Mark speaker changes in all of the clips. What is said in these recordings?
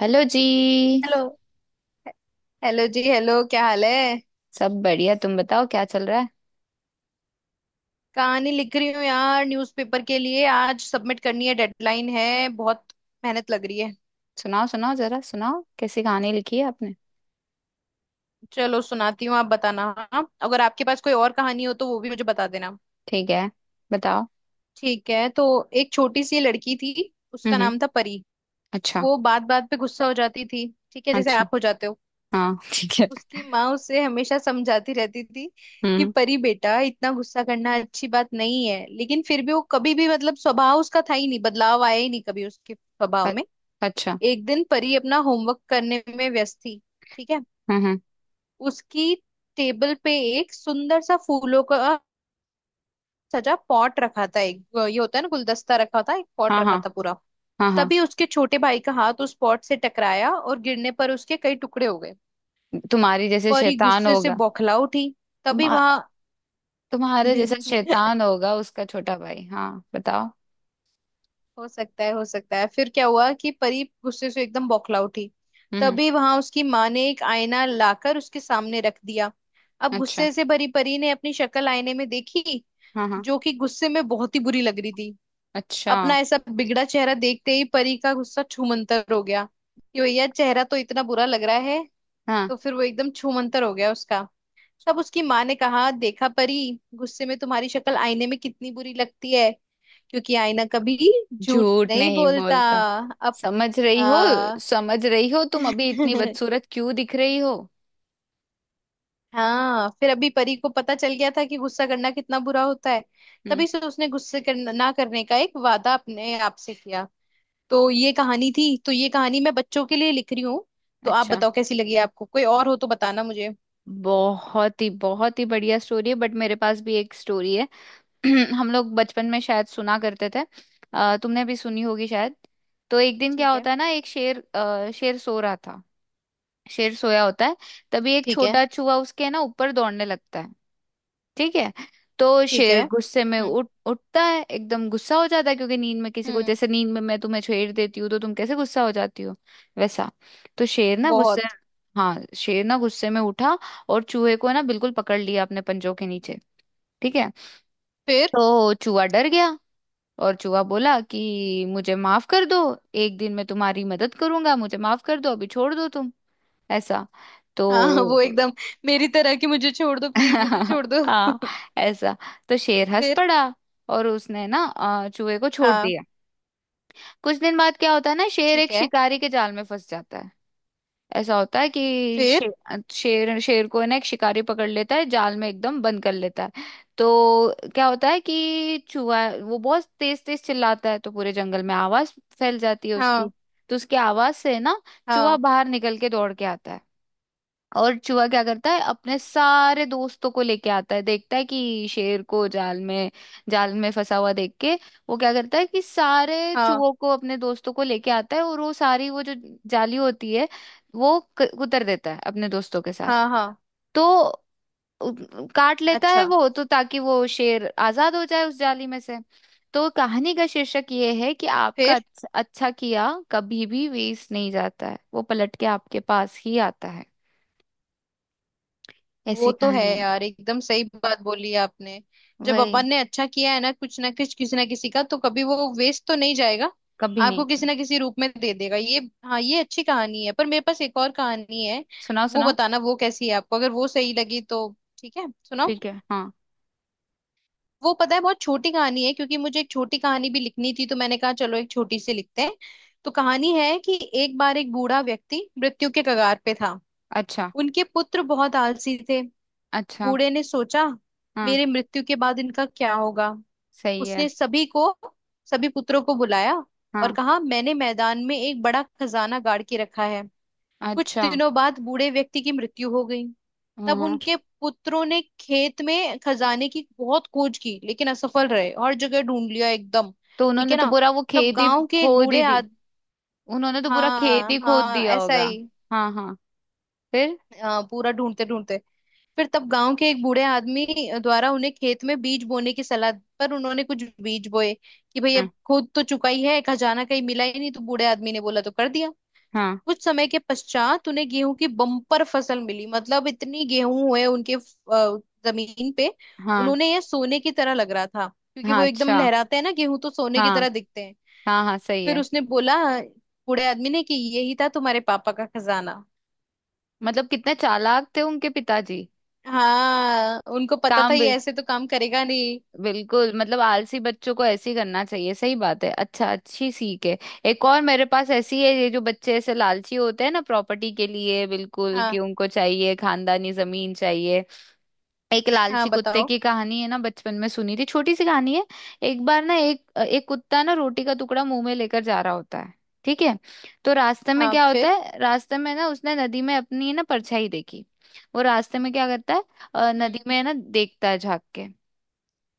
Speaker 1: Hello जी।
Speaker 2: Hello. Hello जी hello, क्या हाल है।
Speaker 1: सब बढ़िया। तुम बताओ क्या चल रहा है?
Speaker 2: कहानी लिख रही हूँ यार, न्यूज़पेपर के लिए, आज सबमिट करनी है, डेडलाइन है, बहुत मेहनत लग रही है।
Speaker 1: सुनाओ, सुनाओ, जरा सुनाओ कैसी कहानी लिखी है आपने।
Speaker 2: चलो सुनाती हूँ, आप बताना। हाँ? अगर आपके पास कोई और कहानी हो तो वो भी मुझे बता देना।
Speaker 1: ठीक है। बताओ।
Speaker 2: ठीक है तो एक छोटी सी लड़की थी,
Speaker 1: हम्म,
Speaker 2: उसका
Speaker 1: हम्म।
Speaker 2: नाम था परी।
Speaker 1: अच्छा।
Speaker 2: वो बात बात पे गुस्सा हो जाती थी, ठीक है, जैसे
Speaker 1: अच्छा।
Speaker 2: आप हो जाते हो।
Speaker 1: हाँ। ठीक है।
Speaker 2: उसकी माँ उसे हमेशा समझाती रहती थी
Speaker 1: हम्म,
Speaker 2: कि
Speaker 1: हम्म।
Speaker 2: परी बेटा, इतना गुस्सा करना अच्छी बात नहीं है, लेकिन फिर भी वो कभी भी, मतलब स्वभाव उसका था ही नहीं, बदलाव आया ही नहीं कभी उसके
Speaker 1: अ-
Speaker 2: स्वभाव में।
Speaker 1: अच्छा।
Speaker 2: एक दिन परी अपना होमवर्क करने में व्यस्त थी, ठीक है।
Speaker 1: हम्म, हम्म।
Speaker 2: उसकी टेबल पे एक सुंदर सा फूलों का सजा पॉट रखा था, एक ये होता है ना गुलदस्ता, रखा था एक पॉट
Speaker 1: हाँ,
Speaker 2: रखा
Speaker 1: हाँ।
Speaker 2: था पूरा।
Speaker 1: हाँ, हाँ।
Speaker 2: तभी उसके छोटे भाई का हाथ उस पॉट से टकराया और गिरने पर उसके कई टुकड़े हो गए।
Speaker 1: तुम्हारी जैसे
Speaker 2: परी
Speaker 1: शैतान
Speaker 2: गुस्से से
Speaker 1: होगा।
Speaker 2: बौखला उठी।
Speaker 1: तुम
Speaker 2: तभी वहां
Speaker 1: तुम्हारे जैसा शैतान होगा उसका छोटा भाई। हाँ, बताओ।
Speaker 2: हो सकता है, हो सकता है। फिर क्या हुआ कि परी गुस्से से एकदम बौखला उठी।
Speaker 1: हम्म, हम्म।
Speaker 2: तभी वहां उसकी माँ ने एक आईना लाकर उसके सामने रख दिया। अब
Speaker 1: अच्छा।
Speaker 2: गुस्से से भरी परी ने अपनी शक्ल आईने में देखी,
Speaker 1: हाँ, हाँ।
Speaker 2: जो कि गुस्से में बहुत ही बुरी लग रही थी।
Speaker 1: अच्छा।
Speaker 2: अपना ऐसा बिगड़ा चेहरा देखते ही परी का गुस्सा छूमंतर हो गया कि भैया चेहरा तो इतना बुरा लग रहा है,
Speaker 1: हाँ।
Speaker 2: तो फिर वो एकदम छूमंतर हो गया उसका। तब उसकी माँ ने कहा, देखा परी, गुस्से में तुम्हारी शक्ल आईने में कितनी बुरी लगती है, क्योंकि आईना कभी झूठ
Speaker 1: झूठ
Speaker 2: नहीं
Speaker 1: नहीं
Speaker 2: बोलता।
Speaker 1: बोलता।
Speaker 2: अब
Speaker 1: समझ रही हो?
Speaker 2: हाँ।
Speaker 1: समझ रही हो तुम अभी इतनी बदसूरत क्यों दिख रही हो?
Speaker 2: हाँ, फिर अभी परी को पता चल गया था कि गुस्सा करना कितना बुरा होता है।
Speaker 1: हम्म।
Speaker 2: तभी से उसने गुस्से करना ना करने का एक वादा अपने आप से किया। तो ये कहानी थी, तो ये कहानी मैं बच्चों के लिए लिख रही हूँ। तो आप
Speaker 1: अच्छा।
Speaker 2: बताओ कैसी लगी आपको, कोई और हो तो बताना मुझे।
Speaker 1: बहुत ही बढ़िया स्टोरी है, बट मेरे पास भी एक स्टोरी है। हम लोग बचपन में शायद सुना करते थे। तुमने भी सुनी होगी शायद। तो एक दिन क्या
Speaker 2: ठीक है।
Speaker 1: होता है ना, शेर सो रहा था। शेर सोया होता है। तभी एक
Speaker 2: ठीक है।
Speaker 1: छोटा चूहा उसके ना ऊपर दौड़ने लगता है। ठीक है। तो
Speaker 2: ठीक है।
Speaker 1: शेर गुस्से में उठ उठता है, एकदम गुस्सा हो जाता है क्योंकि नींद में, किसी को,
Speaker 2: हम्म।
Speaker 1: जैसे नींद में मैं तुम्हें छेड़ देती हूँ तो तुम कैसे गुस्सा हो जाती हो। वैसा। तो शेर ना गुस्से।
Speaker 2: बहुत।
Speaker 1: हाँ, शेर ना गुस्से में उठा। और चूहे को ना बिल्कुल पकड़ लिया अपने पंजों के नीचे। ठीक है।
Speaker 2: फिर।
Speaker 1: तो चूहा डर गया। और चूहा बोला कि मुझे माफ कर दो। एक दिन मैं तुम्हारी मदद करूंगा, मुझे माफ कर दो, अभी छोड़ दो तुम। ऐसा।
Speaker 2: हाँ, वो
Speaker 1: तो
Speaker 2: एकदम मेरी तरह कि मुझे छोड़ दो, प्लीज मुझे छोड़ दो।
Speaker 1: हाँ। ऐसा। तो शेर हंस
Speaker 2: फिर।
Speaker 1: पड़ा। और उसने ना चूहे को छोड़
Speaker 2: हाँ,
Speaker 1: दिया। कुछ दिन बाद क्या होता है ना, शेर
Speaker 2: ठीक
Speaker 1: एक
Speaker 2: है।
Speaker 1: शिकारी के जाल में फंस जाता है। ऐसा होता है कि
Speaker 2: फिर।
Speaker 1: शेर, को ना एक शिकारी पकड़ लेता है, जाल में एकदम बंद कर लेता है। तो क्या होता है कि चूहा वो बहुत तेज तेज चिल्लाता है तो पूरे जंगल में आवाज फैल जाती है उसकी।
Speaker 2: हाँ
Speaker 1: तो उसकी आवाज से ना, चूहा
Speaker 2: हाँ।
Speaker 1: बाहर निकल के दौड़ के आता है। और चूहा क्या करता है, अपने सारे दोस्तों को लेके आता है, देखता है कि शेर को जाल में फंसा हुआ देख के, वो क्या करता है कि सारे
Speaker 2: हाँ
Speaker 1: चूहों को, अपने दोस्तों को लेके आता है, और वो सारी, वो जो जाली होती है, वो उतर देता है अपने दोस्तों के साथ।
Speaker 2: हाँ। हाँ।
Speaker 1: तो उ- काट लेता है
Speaker 2: अच्छा।
Speaker 1: वो तो, ताकि वो शेर आजाद हो जाए उस जाली में से। तो कहानी का शीर्षक ये है कि आपका
Speaker 2: फिर।
Speaker 1: अच्छा, अच्छा किया कभी भी वेस्ट नहीं जाता है, वो पलट के आपके पास ही आता है।
Speaker 2: वो
Speaker 1: ऐसी
Speaker 2: तो है
Speaker 1: कहानी है।
Speaker 2: यार, एकदम सही बात बोली आपने। जब
Speaker 1: वही।
Speaker 2: अपन ने अच्छा किया है ना कुछ किसी ना किसी का, तो कभी वो वेस्ट तो नहीं जाएगा।
Speaker 1: कभी नहीं।
Speaker 2: आपको किसी ना किसी रूप में दे देगा ये। हाँ, ये अच्छी कहानी है, पर मेरे पास एक और कहानी है।
Speaker 1: सुनाओ,
Speaker 2: वो
Speaker 1: सुनाओ।
Speaker 2: बताना वो कैसी है आपको, अगर वो सही लगी तो। ठीक है सुनाओ।
Speaker 1: ठीक है। हाँ।
Speaker 2: वो पता है बहुत छोटी कहानी है, क्योंकि मुझे एक छोटी कहानी भी लिखनी थी, तो मैंने कहा चलो एक छोटी सी लिखते हैं। तो कहानी है कि एक बार एक बूढ़ा व्यक्ति मृत्यु के कगार पे था।
Speaker 1: अच्छा।
Speaker 2: उनके पुत्र बहुत आलसी थे।
Speaker 1: अच्छा।
Speaker 2: बूढ़े ने सोचा,
Speaker 1: हाँ,
Speaker 2: मेरे मृत्यु के बाद इनका क्या होगा।
Speaker 1: सही
Speaker 2: उसने
Speaker 1: है।
Speaker 2: सभी को, सभी पुत्रों को बुलाया और
Speaker 1: हाँ।
Speaker 2: कहा, मैंने मैदान में एक बड़ा खजाना गाड़ के रखा है। कुछ
Speaker 1: अच्छा।
Speaker 2: दिनों बाद बूढ़े व्यक्ति की मृत्यु हो गई।
Speaker 1: हाँ,
Speaker 2: तब
Speaker 1: हाँ।
Speaker 2: उनके पुत्रों ने खेत में खजाने की बहुत खोज की, लेकिन असफल रहे, हर जगह ढूंढ लिया एकदम,
Speaker 1: तो
Speaker 2: ठीक
Speaker 1: उन्होंने
Speaker 2: है
Speaker 1: तो
Speaker 2: ना।
Speaker 1: पूरा वो
Speaker 2: तब
Speaker 1: खेत ही
Speaker 2: गांव के
Speaker 1: खो
Speaker 2: एक
Speaker 1: दी
Speaker 2: बूढ़े
Speaker 1: दी
Speaker 2: आद,
Speaker 1: उन्होंने तो पूरा खेत
Speaker 2: हाँ
Speaker 1: ही खोद
Speaker 2: हाँ
Speaker 1: दिया
Speaker 2: ऐसा
Speaker 1: होगा।
Speaker 2: ही।
Speaker 1: हाँ, हाँ। फिर।
Speaker 2: हाँ, पूरा ढूंढते ढूंढते। फिर तब गांव के एक बूढ़े आदमी द्वारा उन्हें खेत में बीज बोने की सलाह दी, पर उन्होंने कुछ बीज बोए कि भाई अब
Speaker 1: हाँ,
Speaker 2: खुद तो चुका ही है, खजाना कहीं मिला ही नहीं, तो बूढ़े आदमी ने बोला तो कर दिया।
Speaker 1: हाँ,
Speaker 2: कुछ समय के पश्चात उन्हें गेहूं की बम्पर फसल मिली, मतलब इतनी गेहूं हुए उनके जमीन पे।
Speaker 1: हाँ,
Speaker 2: उन्होंने, यह सोने की तरह लग रहा था, क्योंकि
Speaker 1: हाँ।
Speaker 2: वो एकदम
Speaker 1: अच्छा।
Speaker 2: लहराते हैं ना गेहूं, तो सोने की
Speaker 1: हाँ,
Speaker 2: तरह दिखते हैं।
Speaker 1: हाँ, हाँ, सही
Speaker 2: फिर
Speaker 1: है।
Speaker 2: उसने बोला, बूढ़े आदमी ने, कि यही था तुम्हारे पापा का खजाना।
Speaker 1: मतलब कितने चालाक थे उनके पिताजी।
Speaker 2: हाँ, उनको पता था
Speaker 1: काम भी।
Speaker 2: ये ऐसे तो काम करेगा नहीं।
Speaker 1: बिल्कुल, मतलब आलसी बच्चों को ऐसे ही करना चाहिए, सही बात है। अच्छा, अच्छी सीख है। एक और मेरे पास ऐसी है, ये जो बच्चे ऐसे लालची होते हैं ना प्रॉपर्टी के लिए, बिल्कुल, कि
Speaker 2: हाँ
Speaker 1: उनको चाहिए खानदानी जमीन चाहिए। एक
Speaker 2: हाँ।
Speaker 1: लालची कुत्ते
Speaker 2: बताओ।
Speaker 1: की कहानी है ना, बचपन में सुनी थी, छोटी सी कहानी है। एक बार ना एक एक कुत्ता ना रोटी का टुकड़ा मुंह में लेकर जा रहा होता है। ठीक है। तो रास्ते में
Speaker 2: हाँ।
Speaker 1: क्या होता
Speaker 2: फिर।
Speaker 1: है, रास्ते में ना उसने नदी में अपनी ना परछाई देखी। वो रास्ते में क्या करता है, नदी
Speaker 2: हम्म।
Speaker 1: में है ना, देखता है झांक के।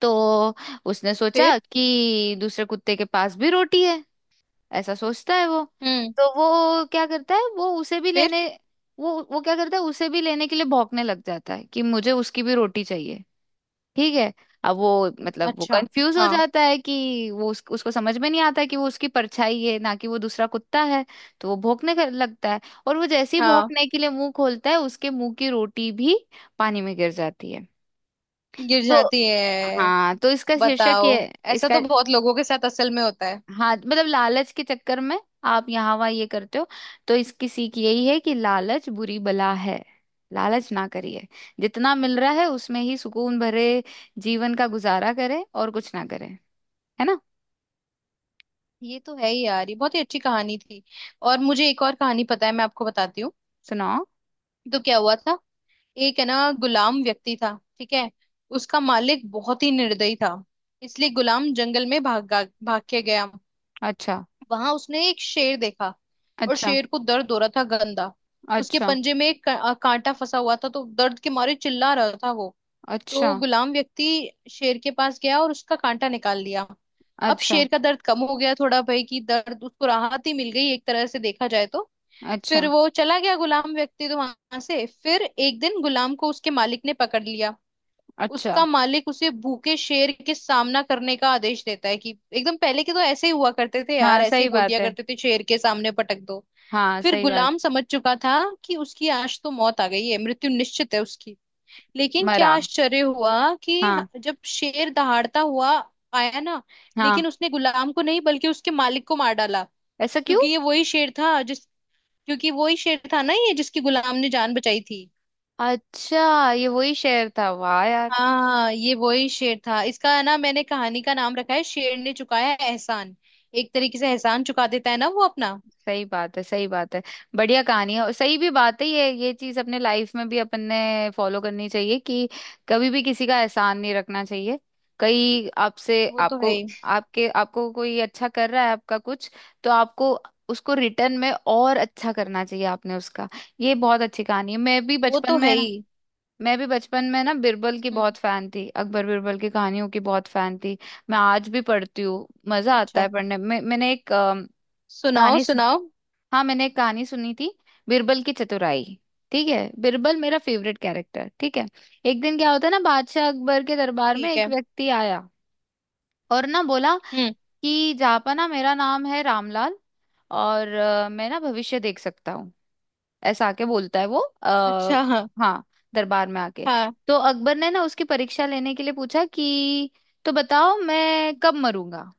Speaker 1: तो उसने सोचा
Speaker 2: फिर।
Speaker 1: कि दूसरे कुत्ते के पास भी रोटी है। ऐसा सोचता है वो।
Speaker 2: हम्म।
Speaker 1: तो वो क्या करता है, वो उसे भी
Speaker 2: फिर।
Speaker 1: लेने। वो क्या करता है, उसे भी लेने के लिए भौंकने लग जाता है कि मुझे उसकी भी रोटी चाहिए। ठीक है। अब वो, मतलब वो
Speaker 2: अच्छा।
Speaker 1: कंफ्यूज हो
Speaker 2: हाँ
Speaker 1: जाता है कि वो उसको समझ में नहीं आता है कि वो उसकी परछाई है ना कि वो दूसरा कुत्ता है। तो वो भौंकने लगता है। और वो जैसे ही
Speaker 2: हाँ।
Speaker 1: भौंकने के लिए मुंह खोलता है, उसके मुंह की रोटी भी पानी में गिर जाती है।
Speaker 2: गिर
Speaker 1: तो
Speaker 2: जाती है।
Speaker 1: हाँ, तो इसका शीर्षक
Speaker 2: बताओ।
Speaker 1: ये,
Speaker 2: ऐसा
Speaker 1: इसका,
Speaker 2: तो बहुत लोगों के साथ असल में होता है।
Speaker 1: हाँ, मतलब लालच के चक्कर में आप यहाँ वहाँ ये करते हो। तो इसकी सीख यही है कि लालच बुरी बला है। लालच ना करिए। जितना मिल रहा है उसमें ही सुकून भरे जीवन का गुजारा करें, और कुछ ना करें। है ना।
Speaker 2: ये तो है ही यार, ये बहुत ही अच्छी कहानी थी। और मुझे एक और कहानी पता है, मैं आपको बताती हूँ।
Speaker 1: सुनाओ।
Speaker 2: तो क्या हुआ था, एक है ना गुलाम व्यक्ति था, ठीक है। उसका मालिक बहुत ही निर्दयी था, इसलिए गुलाम जंगल में भाग, भाग के गया।
Speaker 1: अच्छा।
Speaker 2: वहां उसने एक शेर देखा, और
Speaker 1: अच्छा।
Speaker 2: शेर को दर्द हो रहा था गंदा। उसके
Speaker 1: अच्छा।
Speaker 2: पंजे में एक कांटा फंसा हुआ था, तो दर्द के मारे चिल्ला रहा था वो।
Speaker 1: अच्छा।
Speaker 2: तो गुलाम व्यक्ति शेर के पास गया और उसका कांटा निकाल लिया। अब
Speaker 1: अच्छा।
Speaker 2: शेर का दर्द कम हो गया थोड़ा भाई, कि दर्द उसको, राहत ही मिल गई एक तरह से देखा जाए तो। फिर
Speaker 1: अच्छा।
Speaker 2: वो चला गया गुलाम व्यक्ति तो वहां से। फिर एक दिन गुलाम को उसके मालिक ने पकड़ लिया। उसका
Speaker 1: अच्छा।
Speaker 2: मालिक उसे भूखे शेर के सामना करने का आदेश देता है कि एकदम, पहले के तो ऐसे ही हुआ करते थे यार,
Speaker 1: हाँ,
Speaker 2: ऐसे ही
Speaker 1: सही
Speaker 2: बोल
Speaker 1: बात
Speaker 2: दिया
Speaker 1: है।
Speaker 2: करते थे, शेर के सामने पटक दो।
Speaker 1: हाँ,
Speaker 2: फिर
Speaker 1: सही बात।
Speaker 2: गुलाम समझ चुका था कि उसकी आज तो मौत आ गई है, मृत्यु निश्चित है उसकी। लेकिन क्या
Speaker 1: मरा।
Speaker 2: आश्चर्य हुआ कि
Speaker 1: हाँ।
Speaker 2: जब शेर दहाड़ता हुआ आया ना,
Speaker 1: हाँ
Speaker 2: लेकिन उसने गुलाम को नहीं बल्कि उसके मालिक को मार डाला।
Speaker 1: ऐसा क्यों?
Speaker 2: क्योंकि ये वही शेर था जिस क्योंकि वही शेर था ना ये जिसकी गुलाम ने जान बचाई थी।
Speaker 1: अच्छा, ये वही शेर था, वाह यार।
Speaker 2: हाँ ये वही शेर था, इसका है ना मैंने कहानी का नाम रखा है, शेर ने चुकाया एहसान। एक तरीके से एहसान चुका देता है ना वो अपना।
Speaker 1: सही बात है, सही बात है। बढ़िया कहानी है और सही भी बात है, ये चीज अपने लाइफ में भी अपन ने फॉलो करनी चाहिए, कि कभी भी किसी का एहसान नहीं रखना चाहिए। कहीं आपसे,
Speaker 2: वो तो है
Speaker 1: आपको,
Speaker 2: ही।
Speaker 1: आपके, आपको कोई अच्छा कर रहा है आपका कुछ, तो आपको उसको रिटर्न में और अच्छा करना चाहिए आपने उसका। ये बहुत अच्छी कहानी है।
Speaker 2: वो तो है ही।
Speaker 1: मैं भी बचपन में ना बिरबल की
Speaker 2: हम्म।
Speaker 1: बहुत फैन थी, अकबर बिरबल की कहानियों की बहुत फैन थी। मैं आज भी पढ़ती हूँ, मजा आता
Speaker 2: अच्छा।
Speaker 1: है पढ़ने में। मैंने एक
Speaker 2: सुनाओ
Speaker 1: कहानी।
Speaker 2: सुनाओ।
Speaker 1: हाँ, मैंने एक कहानी सुनी थी, बिरबल की चतुराई। ठीक है। बिरबल मेरा फेवरेट कैरेक्टर। ठीक है। एक दिन क्या होता है ना, बादशाह अकबर के दरबार में
Speaker 2: ठीक
Speaker 1: एक
Speaker 2: है।
Speaker 1: व्यक्ति आया। और ना बोला
Speaker 2: हम्म।
Speaker 1: कि जापाना, मेरा नाम है रामलाल। और मैं ना भविष्य देख सकता हूँ। ऐसा आके बोलता है वो।
Speaker 2: अच्छा। हाँ
Speaker 1: हाँ, दरबार में आके।
Speaker 2: हाँ।
Speaker 1: तो अकबर ने ना उसकी परीक्षा लेने के लिए पूछा कि, तो बताओ मैं कब मरूंगा?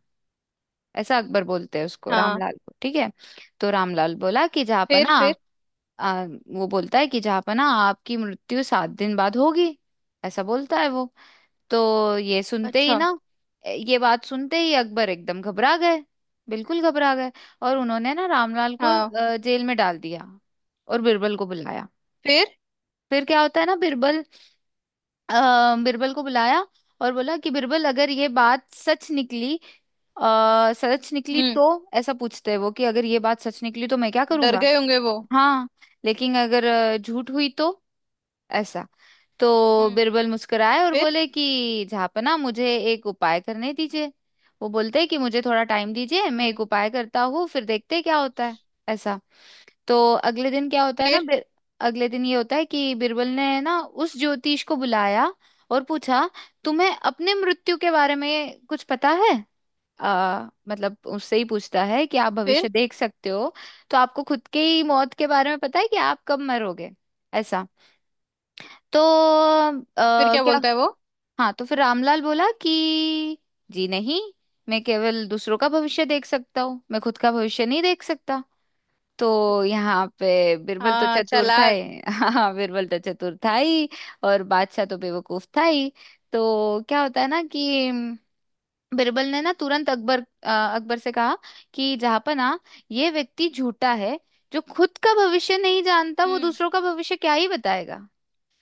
Speaker 1: ऐसा अकबर बोलते हैं उसको,
Speaker 2: हाँ।
Speaker 1: रामलाल को। ठीक है। तो रामलाल बोला कि
Speaker 2: फिर।
Speaker 1: जापाना,
Speaker 2: फिर।
Speaker 1: आ, वो बोलता है कि जहापना, आपकी मृत्यु 7 दिन बाद होगी। ऐसा बोलता है वो। तो ये सुनते ही
Speaker 2: अच्छा।
Speaker 1: ना, ये बात सुनते ही अकबर एकदम घबरा गए। बिल्कुल घबरा गए। और उन्होंने ना रामलाल को
Speaker 2: हाँ।
Speaker 1: जेल में डाल दिया। और बिरबल को बुलाया।
Speaker 2: फिर।
Speaker 1: फिर क्या होता है ना, बिरबल को बुलाया। और बोला कि बिरबल, अगर ये बात सच निकली, सच निकली
Speaker 2: हम्म।
Speaker 1: तो। ऐसा पूछते हैं वो, कि अगर ये बात सच निकली तो मैं क्या
Speaker 2: डर
Speaker 1: करूंगा।
Speaker 2: गए होंगे वो।
Speaker 1: हाँ। लेकिन अगर झूठ हुई तो। ऐसा। तो
Speaker 2: हम्म।
Speaker 1: बिरबल मुस्कुराए और
Speaker 2: फिर।
Speaker 1: बोले कि झापना, मुझे एक उपाय करने दीजिए। वो बोलते हैं कि मुझे थोड़ा टाइम दीजिए, मैं एक
Speaker 2: हम्म।
Speaker 1: उपाय करता हूँ, फिर देखते हैं क्या होता है। ऐसा। तो अगले दिन क्या होता है ना,
Speaker 2: फिर।
Speaker 1: अगले दिन ये होता है कि बिरबल ने ना उस ज्योतिष को बुलाया। और पूछा, तुम्हें अपने मृत्यु के बारे में कुछ पता है? मतलब उससे ही पूछता है कि आप
Speaker 2: फिर।
Speaker 1: भविष्य देख सकते हो, तो आपको खुद के ही मौत के बारे में पता है कि आप कब मरोगे? ऐसा। तो
Speaker 2: फिर क्या
Speaker 1: क्या।
Speaker 2: बोलता है वो।
Speaker 1: हाँ, तो फिर रामलाल बोला कि जी नहीं, मैं केवल दूसरों का भविष्य देख सकता हूँ, मैं खुद का भविष्य नहीं देख सकता। तो यहाँ पे बिरबल तो
Speaker 2: हाँ,
Speaker 1: चतुर था
Speaker 2: चालाक।
Speaker 1: ही। हाँ, बिरबल तो चतुर था ही। और बादशाह तो बेवकूफ था ही। तो क्या होता है ना, कि बिरबल ने ना तुरंत अकबर से कहा कि जहाँपनाह, ये व्यक्ति झूठा है। जो खुद का भविष्य नहीं जानता वो
Speaker 2: हम्म।
Speaker 1: दूसरों का भविष्य क्या ही बताएगा।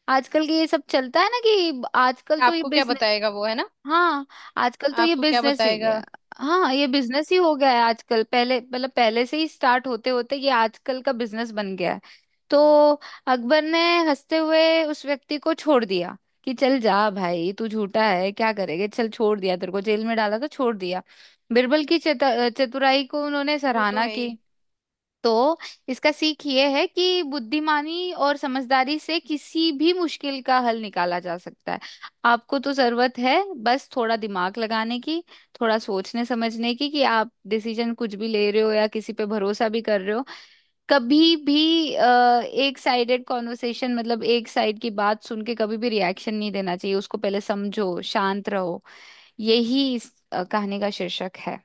Speaker 1: आजकल के ये सब चलता है ना, कि आजकल तो ये
Speaker 2: आपको क्या
Speaker 1: बिजनेस।
Speaker 2: बताएगा वो, है ना।
Speaker 1: हाँ, आजकल तो ये
Speaker 2: आपको क्या
Speaker 1: बिजनेस ही
Speaker 2: बताएगा।
Speaker 1: गया। हाँ, ये बिजनेस ही हो गया है आजकल। पहले, मतलब पहले से ही स्टार्ट होते होते, ये आजकल का बिजनेस बन गया है। तो अकबर ने हंसते हुए उस व्यक्ति को छोड़ दिया, कि चल जा भाई, तू झूठा है, क्या करेगा, चल छोड़ दिया, तेरे को जेल में डाला तो छोड़ दिया। बिरबल की चतुराई को उन्होंने
Speaker 2: वो तो
Speaker 1: सराहना
Speaker 2: है
Speaker 1: की।
Speaker 2: ही।
Speaker 1: तो इसका सीख ये है कि बुद्धिमानी और समझदारी से किसी भी मुश्किल का हल निकाला जा सकता है। आपको तो जरूरत है बस थोड़ा दिमाग लगाने की, थोड़ा सोचने समझने की, कि आप डिसीजन कुछ भी ले रहे हो या किसी पे भरोसा भी कर रहे हो। कभी भी एक साइडेड कॉन्वर्सेशन, मतलब एक साइड की बात सुन के कभी भी रिएक्शन नहीं देना चाहिए, उसको पहले समझो, शांत रहो। यही इस कहानी का शीर्षक है।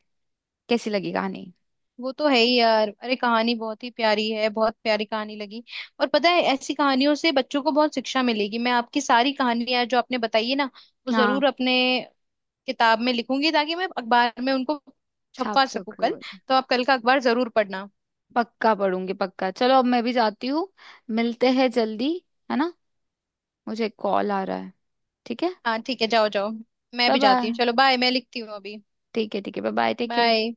Speaker 1: कैसी लगी कहानी?
Speaker 2: वो तो है ही यार, अरे कहानी बहुत ही प्यारी है, बहुत प्यारी कहानी लगी। और पता है ऐसी कहानियों से बच्चों को बहुत शिक्षा मिलेगी। मैं आपकी सारी कहानियां जो आपने बताई है ना, वो
Speaker 1: हाँ,
Speaker 2: जरूर अपने किताब में लिखूंगी, ताकि मैं अखबार में उनको
Speaker 1: छाप
Speaker 2: छपवा सकूं
Speaker 1: सको।
Speaker 2: कल। तो आप कल का अखबार जरूर पढ़ना।
Speaker 1: पक्का पढ़ूंगी, पक्का। चलो, अब मैं भी जाती हूँ। मिलते हैं जल्दी। है ना। मुझे कॉल आ रहा है। ठीक है।
Speaker 2: हाँ ठीक है जाओ जाओ। मैं
Speaker 1: बाय,
Speaker 2: भी जाती
Speaker 1: बाय।
Speaker 2: हूँ, चलो बाय, मैं लिखती हूँ अभी।
Speaker 1: ठीक है, ठीक है। Bye, bye. Take care.
Speaker 2: Bye.